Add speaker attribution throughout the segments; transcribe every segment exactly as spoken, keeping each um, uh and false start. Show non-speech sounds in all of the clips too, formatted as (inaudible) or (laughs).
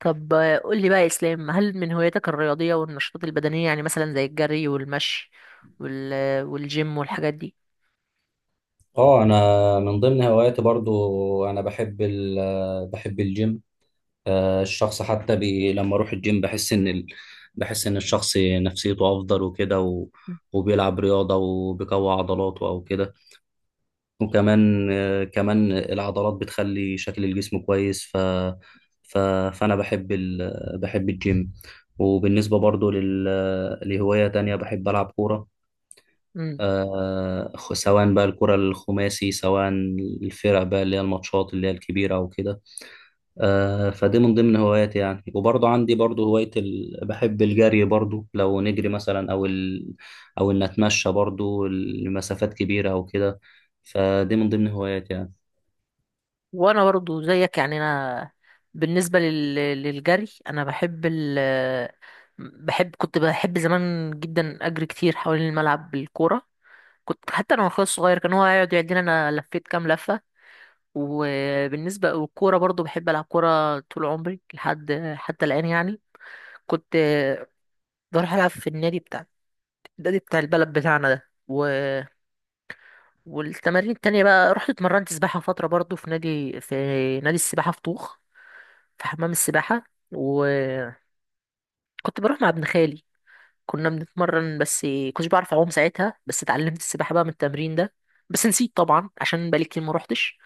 Speaker 1: طب آه، قول لي بقى يا اسلام، هل من هواياتك الرياضيه والنشاطات البدنيه؟ يعني مثلا زي الجري والمشي وال... آه، والجيم والحاجات دي.
Speaker 2: اه، انا من ضمن هواياتي برضو. انا بحب ال بحب الجيم. آه، الشخص حتى بي لما اروح الجيم بحس ان ال بحس ان الشخص نفسيته افضل وكده و وبيلعب رياضة وبيقوي عضلاته أو كده. وكمان آه، كمان العضلات بتخلي شكل الجسم كويس، ف ف فأنا بحب ال بحب الجيم. وبالنسبة برضو لل لهواية تانية، بحب ألعب كورة.
Speaker 1: مم.
Speaker 2: آه، خ- سواء بقى الكرة الخماسي، سواء الفرق بقى اللي هي الماتشات اللي هي الكبيرة وكده. آه، فدي من ضمن هواياتي يعني. وبرضه عندي برضه هواية ال... بحب الجري برضه، لو نجري مثلا أو ال... أو إن أتمشى برضه لمسافات كبيرة أو كده. فدي من ضمن هواياتي يعني.
Speaker 1: وانا برضو زيك. يعني انا، بالنسبه لل... للجري، انا بحب ال... آه، بحب كنت بحب زمان جدا اجري كتير حوالين الملعب بالكوره. كنت حتى انا واخويا الصغير، كان هو يقعد يعدينا انا لفيت كام لفه. وبالنسبه والكوره برضو بحب العب كوره طول عمري لحد حتى الان يعني. كنت آه، بروح العب في النادي بتاع النادي بتاع البلد بتاعنا ده و... والتمارين التانية بقى، رحت اتمرنت سباحة فترة برضو في نادي، في نادي السباحة في طوخ، في حمام السباحة. وكنت بروح مع ابن خالي، كنا بنتمرن. بس كنتش بعرف أعوم ساعتها، بس اتعلمت السباحة بقى من التمرين ده. بس نسيت طبعا عشان بقالي كتير ما روحتش.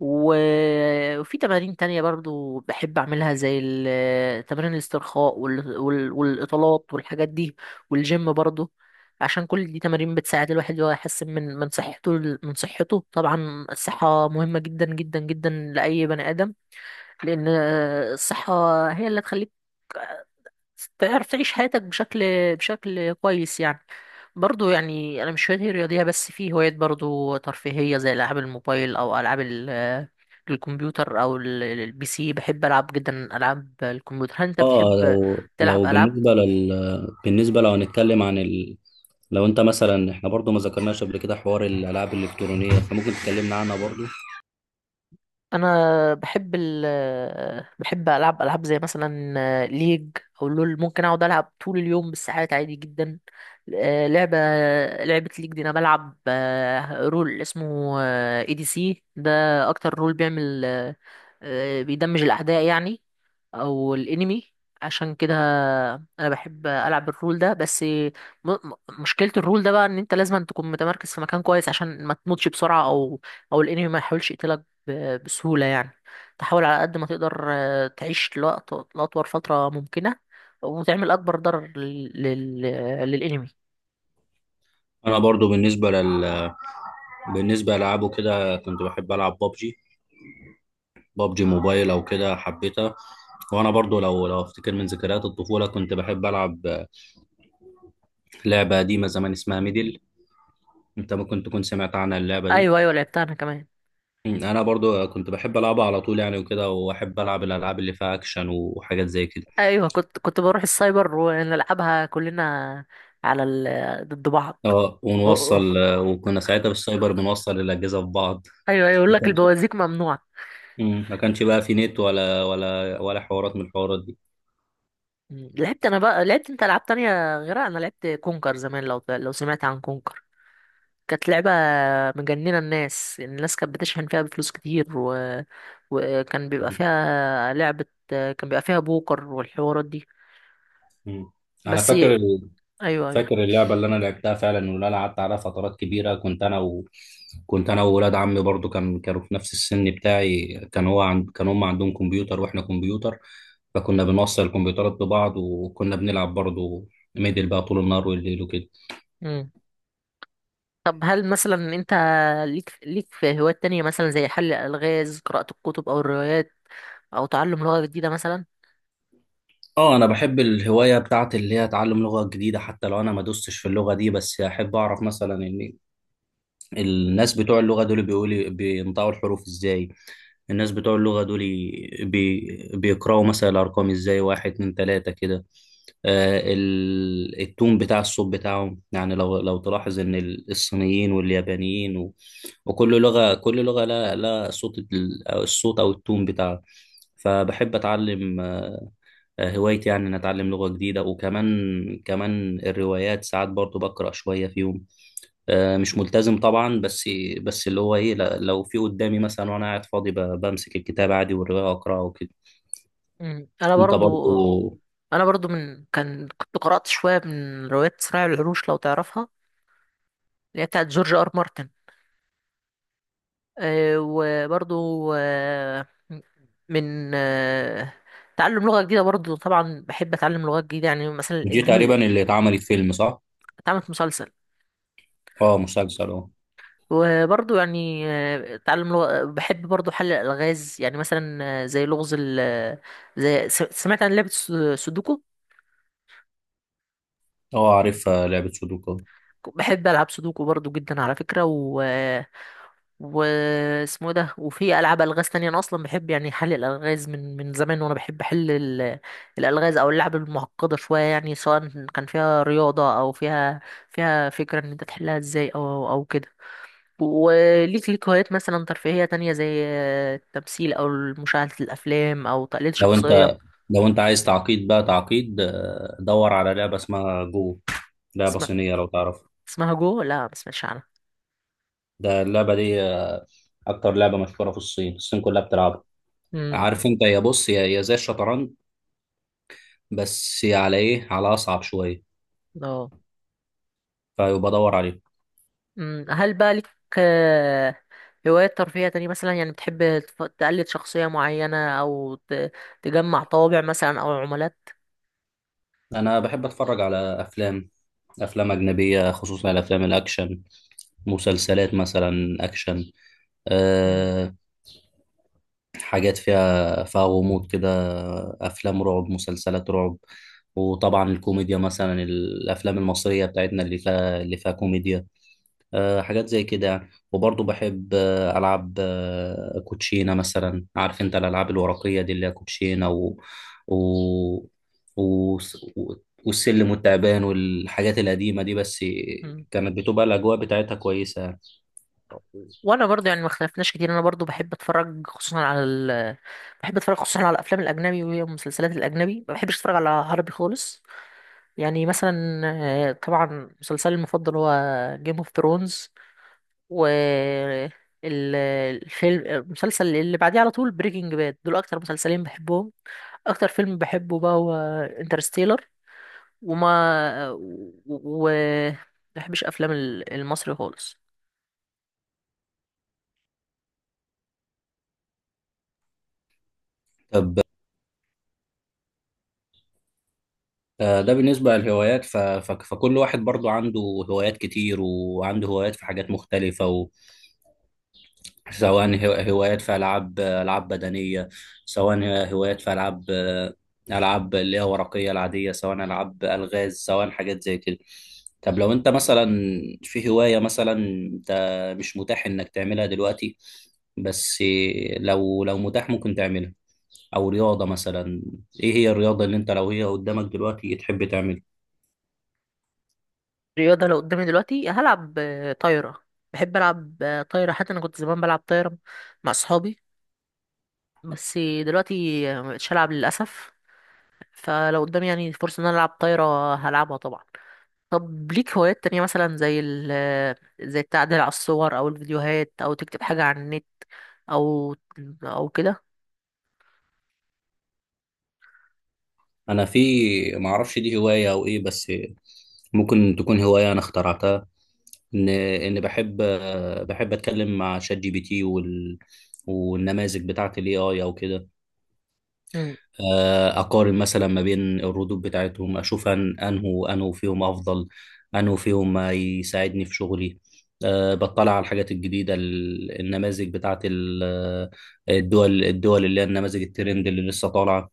Speaker 1: و- وفي تمارين تانية برضو بحب أعملها، زي ال- تمارين الاسترخاء وال- وال- والإطالات والحاجات دي، والجيم برضو. عشان كل دي تمارين بتساعد الواحد إن هو يحسن من من صحته من صحته طبعا الصحة مهمة جدا جدا جدا لأي بني آدم، لأن الصحة هي اللي تخليك تعرف تعيش حياتك بشكل بشكل كويس يعني. برضو يعني انا مش هوايتي رياضيه بس، في هوايات برضو ترفيهيه زي العاب الموبايل او العاب ال- الكمبيوتر، او ال- ال- البي سي. بحب العب جدا العاب الكمبيوتر. هل انت
Speaker 2: اه،
Speaker 1: بتحب
Speaker 2: لو
Speaker 1: تلعب
Speaker 2: لو
Speaker 1: العاب؟
Speaker 2: بالنسبة لل بالنسبة لو هنتكلم عن ال... لو انت مثلا، احنا برضه ما ذكرناش قبل كده حوار الألعاب الإلكترونية، فممكن تكلمنا عنها برضه.
Speaker 1: انا بحب ال بحب العب العاب زي مثلا ليج او لول. ممكن اقعد العب طول اليوم بالساعات عادي جدا. آه، لعبه لعبه ليج دي انا بلعب آه، رول اسمه اي دي سي ده، اكتر رول بيعمل آه، آه، بيدمج الاعداء يعني، او الانمي. عشان كده انا بحب العب الرول ده، بس م- م- مشكله الرول ده بقى ان انت لازم تكون متمركز في مكان كويس عشان ما تموتش بسرعه، او او الانمي ما يحاولش يقتلك ب- بسهولة يعني. تحاول على قد ما تقدر آه، تعيش لوقت، لأطول فترة ممكنة، وتعمل أكبر ضرر لل... لل... للإنمي.
Speaker 2: انا برضو بالنسبه لل بالنسبه لالعابه كده، كنت بحب العب بابجي، بابجي موبايل او كده، حبيتها. وانا برضو لو لو افتكر من ذكريات الطفوله، كنت بحب العب لعبه قديمه زمان اسمها ميدل. انت ممكن تكون سمعت عنها اللعبه دي.
Speaker 1: أيوة، أيوة، لعبتها أنا كمان.
Speaker 2: انا برضو كنت بحب العبها على طول يعني وكده، واحب العب الالعاب اللي فيها اكشن وحاجات زي كده.
Speaker 1: أيوة، كنت كنت بروح السايبر ونلعبها كلنا على ال... ضد بعض.
Speaker 2: اه،
Speaker 1: و- و-
Speaker 2: ونوصل، وكنا ساعتها بالسايبر بنوصل الاجهزه في بعض.
Speaker 1: أيوة، أيوة، يقول
Speaker 2: ما
Speaker 1: لك
Speaker 2: كانش،
Speaker 1: البوازيك ممنوع.
Speaker 2: مم. ما كانش بقى في نت ولا ولا ولا حوارات من الحوارات دي.
Speaker 1: مم. لعبت أنا بقى، لعبت أنت ألعاب تانية غيرها؟ أنا لعبت كونكر زمان. لو لو سمعت عن كونكر، كانت لعبة مجننة الناس الناس كانت بتشحن فيها بفلوس كتير و... وكان بيبقى
Speaker 2: مم.
Speaker 1: فيها لعبة كان بيبقى فيها بوكر والحوارات دي.
Speaker 2: مم. انا
Speaker 1: بس
Speaker 2: فاكر،
Speaker 1: ايوه، ايوه.
Speaker 2: فاكر اللعبة اللي أنا لعبتها فعلا واللي أنا قعدت عليها فترات كبيرة. كنت أنا و... كنت أنا وولاد عمي برضو، كان كانوا في نفس السن بتاعي. كان هو عند... كان هم عندهم كمبيوتر وإحنا كمبيوتر، فكنا بنوصل الكمبيوترات ببعض وكنا بنلعب برضو ميدل بقى طول النهار والليل وكده.
Speaker 1: مم. طب هل مثلا انت ليك ليك في هوايات تانية، مثلا زي حل الألغاز، قراءة الكتب أو الروايات، أو تعلم لغة جديدة مثلا؟
Speaker 2: اه، انا بحب الهوايه بتاعت اللي هي اتعلم لغه جديده. حتى لو انا ما دوستش في اللغه دي، بس احب اعرف مثلا ان الناس بتوع اللغة دول بيقولي بينطقوا الحروف ازاي. الناس بتوع اللغة دول بي... بيقرأوا مثلا الأرقام ازاي، واحد اتنين تلاتة كده. آه، ال... التون بتاع الصوت بتاعهم يعني، لو لو تلاحظ إن ال- الصينيين واليابانيين و... وكل لغة، كل لغة لا لا صوت ال- أو الصوت أو التون بتاعها. فبحب أتعلم. آه، هوايتي يعني إن أتعلم لغة جديدة. وكمان كمان الروايات ساعات برضو بقرأ شوية فيهم. آه، مش ملتزم طبعا، بس بس اللي هو ايه، لا- لو في قدامي مثلا وانا قاعد فاضي، ب- بمسك الكتاب عادي والروايه اقراها وكده.
Speaker 1: مم. أنا
Speaker 2: انت
Speaker 1: برضو
Speaker 2: برضو؟
Speaker 1: أنا برضو من كان كنت قرأت شوية من روايات صراع العروش لو تعرفها، اللي هي بتاعت جورج آر مارتن. آه، وبرضو آه، من آه، تعلم لغة جديدة، برضو طبعا بحب أتعلم لغات جديدة يعني مثلا
Speaker 2: دي تقريبا
Speaker 1: الإنجليزي.
Speaker 2: اللي اتعملت فيلم، صح؟
Speaker 1: اتعمل في مسلسل.
Speaker 2: اه، مسلسل، اه.
Speaker 1: وبرضو يعني آه، تعلم لغة. بحب برضو حل الألغاز، يعني مثلا آه، زي لغز ال زي س- سمعت عن لعبة الس- سودوكو؟
Speaker 2: اه، عارفها لعبه سودوكو.
Speaker 1: بحب ألعب سودوكو برضو جدا على فكرة. واسمه ده، وفي العاب الغاز تانية، انا اصلا بحب يعني حل الالغاز من من زمان. وانا بحب احل ال- الالغاز او اللعب المعقده شويه يعني، سواء كان فيها رياضه او فيها فيها فكره ان انت تحلها ازاي، او او كده. وليك ليك هوايات مثلا ترفيهيه تانية زي التمثيل او مشاهده الافلام او تقليد
Speaker 2: لو انت
Speaker 1: شخصيه؟
Speaker 2: لو انت عايز تعقيد بقى، تعقيد، آه، دور على لعبه اسمها جو، لعبه
Speaker 1: اسمها
Speaker 2: صينيه، لو تعرفها.
Speaker 1: اسمها جو؟ لا، ما سمعتش عنها.
Speaker 2: ده اللعبه دي، آه، اكتر لعبه مشهوره في الصين، الصين كلها بتلعبها.
Speaker 1: امم
Speaker 2: عارف انت، يا بص، يا يا زي الشطرنج، بس على ايه، على اصعب شويه.
Speaker 1: اه.
Speaker 2: فيبقى دور عليه.
Speaker 1: مم، هل بقى لك آه، هوايات ترفيهية تانية؟ مثلا يعني بتحب تف- تقلد شخصية معينة، أو ت- تجمع طوابع مثلا أو عملات؟
Speaker 2: انا بحب اتفرج على افلام، افلام اجنبيه، خصوصا الافلام الاكشن، مسلسلات مثلا اكشن.
Speaker 1: مم.
Speaker 2: أه، حاجات فيها فيها غموض كده، افلام رعب، مسلسلات رعب. وطبعا الكوميديا، مثلا الافلام المصريه بتاعتنا اللي فيها اللي فيها كوميديا. آه، حاجات زي كده يعني. وبرضه بحب، آه، ألعب، آه، كوتشينة مثلا. عارف أنت الألعاب الورقية دي اللي هي كوتشينة و... و... و... والسلم والتعبان والحاجات القديمة دي، بس
Speaker 1: مم.
Speaker 2: كانت بتبقى الأجواء بتاعتها كويسة يعني.
Speaker 1: وأنا برضو يعني ما اختلفناش كتير. أنا برضو بحب أتفرج خصوصا على ال... بحب أتفرج خصوصا على الأفلام الأجنبي والمسلسلات الأجنبي، ما بحبش أتفرج على عربي خالص يعني. مثلا آه، طبعا مسلسلي المفضل هو جيم اوف ثرونز، و ال- الفيلم المسلسل اللي بعديه على طول بريكنج باد. دول أكتر مسلسلين بحبهم. اكتر فيلم بحبه بقى هو انترستيلر. وما و و- بحبش افلام ال- المصري خالص.
Speaker 2: طب، آه، ده بالنسبة للهوايات، ف... ف... فكل واحد برضه عنده هوايات كتير، وعنده هوايات في حاجات مختلفة. سواء هو- هوايات في ألعاب، ألعاب بدنية، سواء هوايات في ألعاب، ألعاب اللي هي ورقية العادية، سواء ألعاب ألغاز، سواء حاجات زي كده. طب لو أنت مثلا في هواية مثلا أنت مش متاح إنك تعملها دلوقتي، بس لو لو متاح ممكن تعملها، أو رياضة مثلا، إيه هي الرياضة اللي أنت لو هي قدامك دلوقتي تحب تعملها؟
Speaker 1: الرياضه لو قدامي دلوقتي هلعب آه، طايره. بحب العب آه، طايره، حتى انا كنت زمان بلعب طايره مع اصحابي. بس دلوقتي مبقتش العب للاسف. فلو قدامي يعني فرصه ان انا العب طايره هلعبها طبعا. طب ليك هوايات تانية مثلا زي ال آه، زي التعديل على الصور او الفيديوهات، او تكتب حاجه على النت، او او كده؟
Speaker 2: أنا في، معرفش دي هواية أو إيه، بس ممكن تكون هواية أنا اخترعتها، ان ان بحب، بحب اتكلم مع شات جي بي تي وال والنماذج بتاعت الاي اي او كده. آه، اقارن مثلا ما بين الردود بتاعتهم، اشوف أن- انه انه فيهم افضل، انه فيهم ما يساعدني في شغلي. أه، بطلع على الحاجات الجديدة، ال- النماذج بتاعت ال- الدول الدول اللي هي النماذج الترند اللي لسه طالعة.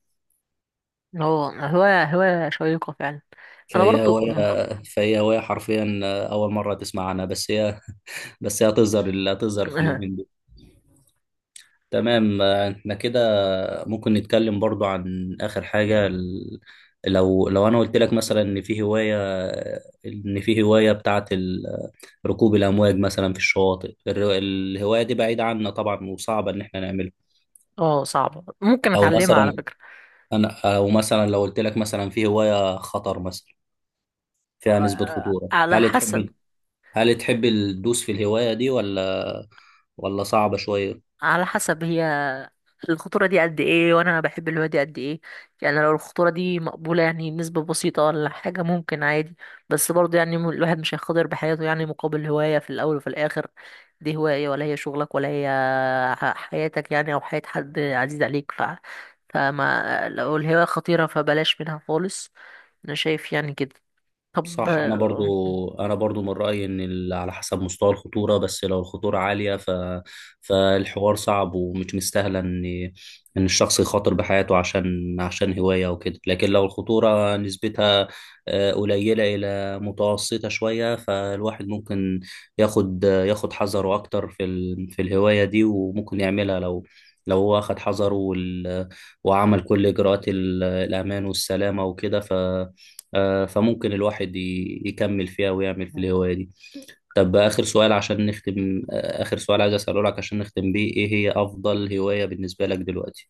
Speaker 1: هو هواية هواية شيقة فعلا. أنا
Speaker 2: فهي
Speaker 1: برضو.
Speaker 2: هواية، فهي هواية حرفيا. أول مرة تسمع عنها، بس هي، بس هي هتظهر هتظهر في اليومين
Speaker 1: (laughs)
Speaker 2: دول. تمام، آه، احنا كده ممكن نتكلم برضو عن آخر حاجة ال- لو لو أنا قلت لك مثلا إن في هواية، إن في هواية بتاعة ال- ركوب الأمواج مثلا في الشواطئ، الر- الهواية دي بعيدة عنا طبعا وصعبة إن احنا نعملها.
Speaker 1: اه، صعبة، ممكن
Speaker 2: أو
Speaker 1: أتعلمها على
Speaker 2: مثلا
Speaker 1: فكرة.
Speaker 2: أنا، أو مثلا لو قلت لك مثلا في هواية خطر مثلا، فيها نسبة
Speaker 1: آه،
Speaker 2: خطورة،
Speaker 1: على
Speaker 2: هل
Speaker 1: حسب
Speaker 2: تحب، هل تحب تدوس في الهواية دي، ولا ولا صعبة شوية؟
Speaker 1: على حسب هي الخطورة دي قد إيه، وأنا بحب الهواية دي قد إيه. يعني لو الخطورة دي مقبولة، يعني نسبة بسيطة ولا حاجة، ممكن عادي. بس برضو يعني م- الواحد مش هيخاطر بحياته يعني مقابل هواية. في الأول وفي الآخر دي هواية، ولا هي شغلك، ولا هي ح- حياتك يعني، أو حياة حد عزيز عليك. ف... فما لو الهواية خطيرة، فبلاش منها خالص. انا شايف يعني كده. طب
Speaker 2: صح، انا
Speaker 1: آه،
Speaker 2: برضو، انا برضو من رايي ان ال- على حسب مستوى الخطوره. بس لو الخطوره عاليه، ف فالحوار صعب ومش مستاهله ان، ان الشخص يخاطر بحياته عشان، عشان هوايه وكده. لكن لو الخطوره نسبتها آه، قليله الى متوسطه شويه، فالواحد ممكن ياخد ياخد حذره اكتر في ال... في الهوايه دي، وممكن يعملها لو، لو هو اخد حذره وال... وعمل كل اجراءات ال- الامان والسلامه وكده، ف آه، فممكن الواحد ي- يكمل فيها ويعمل في الهواية دي. طب، آخر سؤال عشان نختم، آه، آخر سؤال عايز أسأله لك عشان نختم بيه، إيه هي أفضل هواية بالنسبة لك دلوقتي؟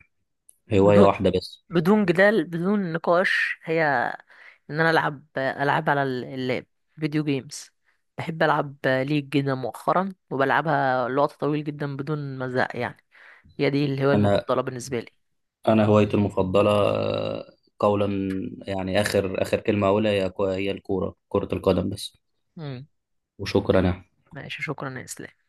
Speaker 2: هواية
Speaker 1: بدون
Speaker 2: واحدة بس.
Speaker 1: بدون جدال، بدون نقاش، هي ان انا العب العب على ال- اللاب، فيديو جيمز. بحب العب ليج جدا مؤخرا، وبلعبها لوقت طويل جدا بدون مزاق يعني. هي دي الهواية
Speaker 2: أنا،
Speaker 1: المفضلة بالنسبة لي.
Speaker 2: أنا هوايتي المفضلة، آه، قولا يعني، آخر آخر كلمة أقولها، هي هي الكورة، كرة القدم بس.
Speaker 1: مم.
Speaker 2: وشكرا يا
Speaker 1: ماشي، شكرا يا اسلام.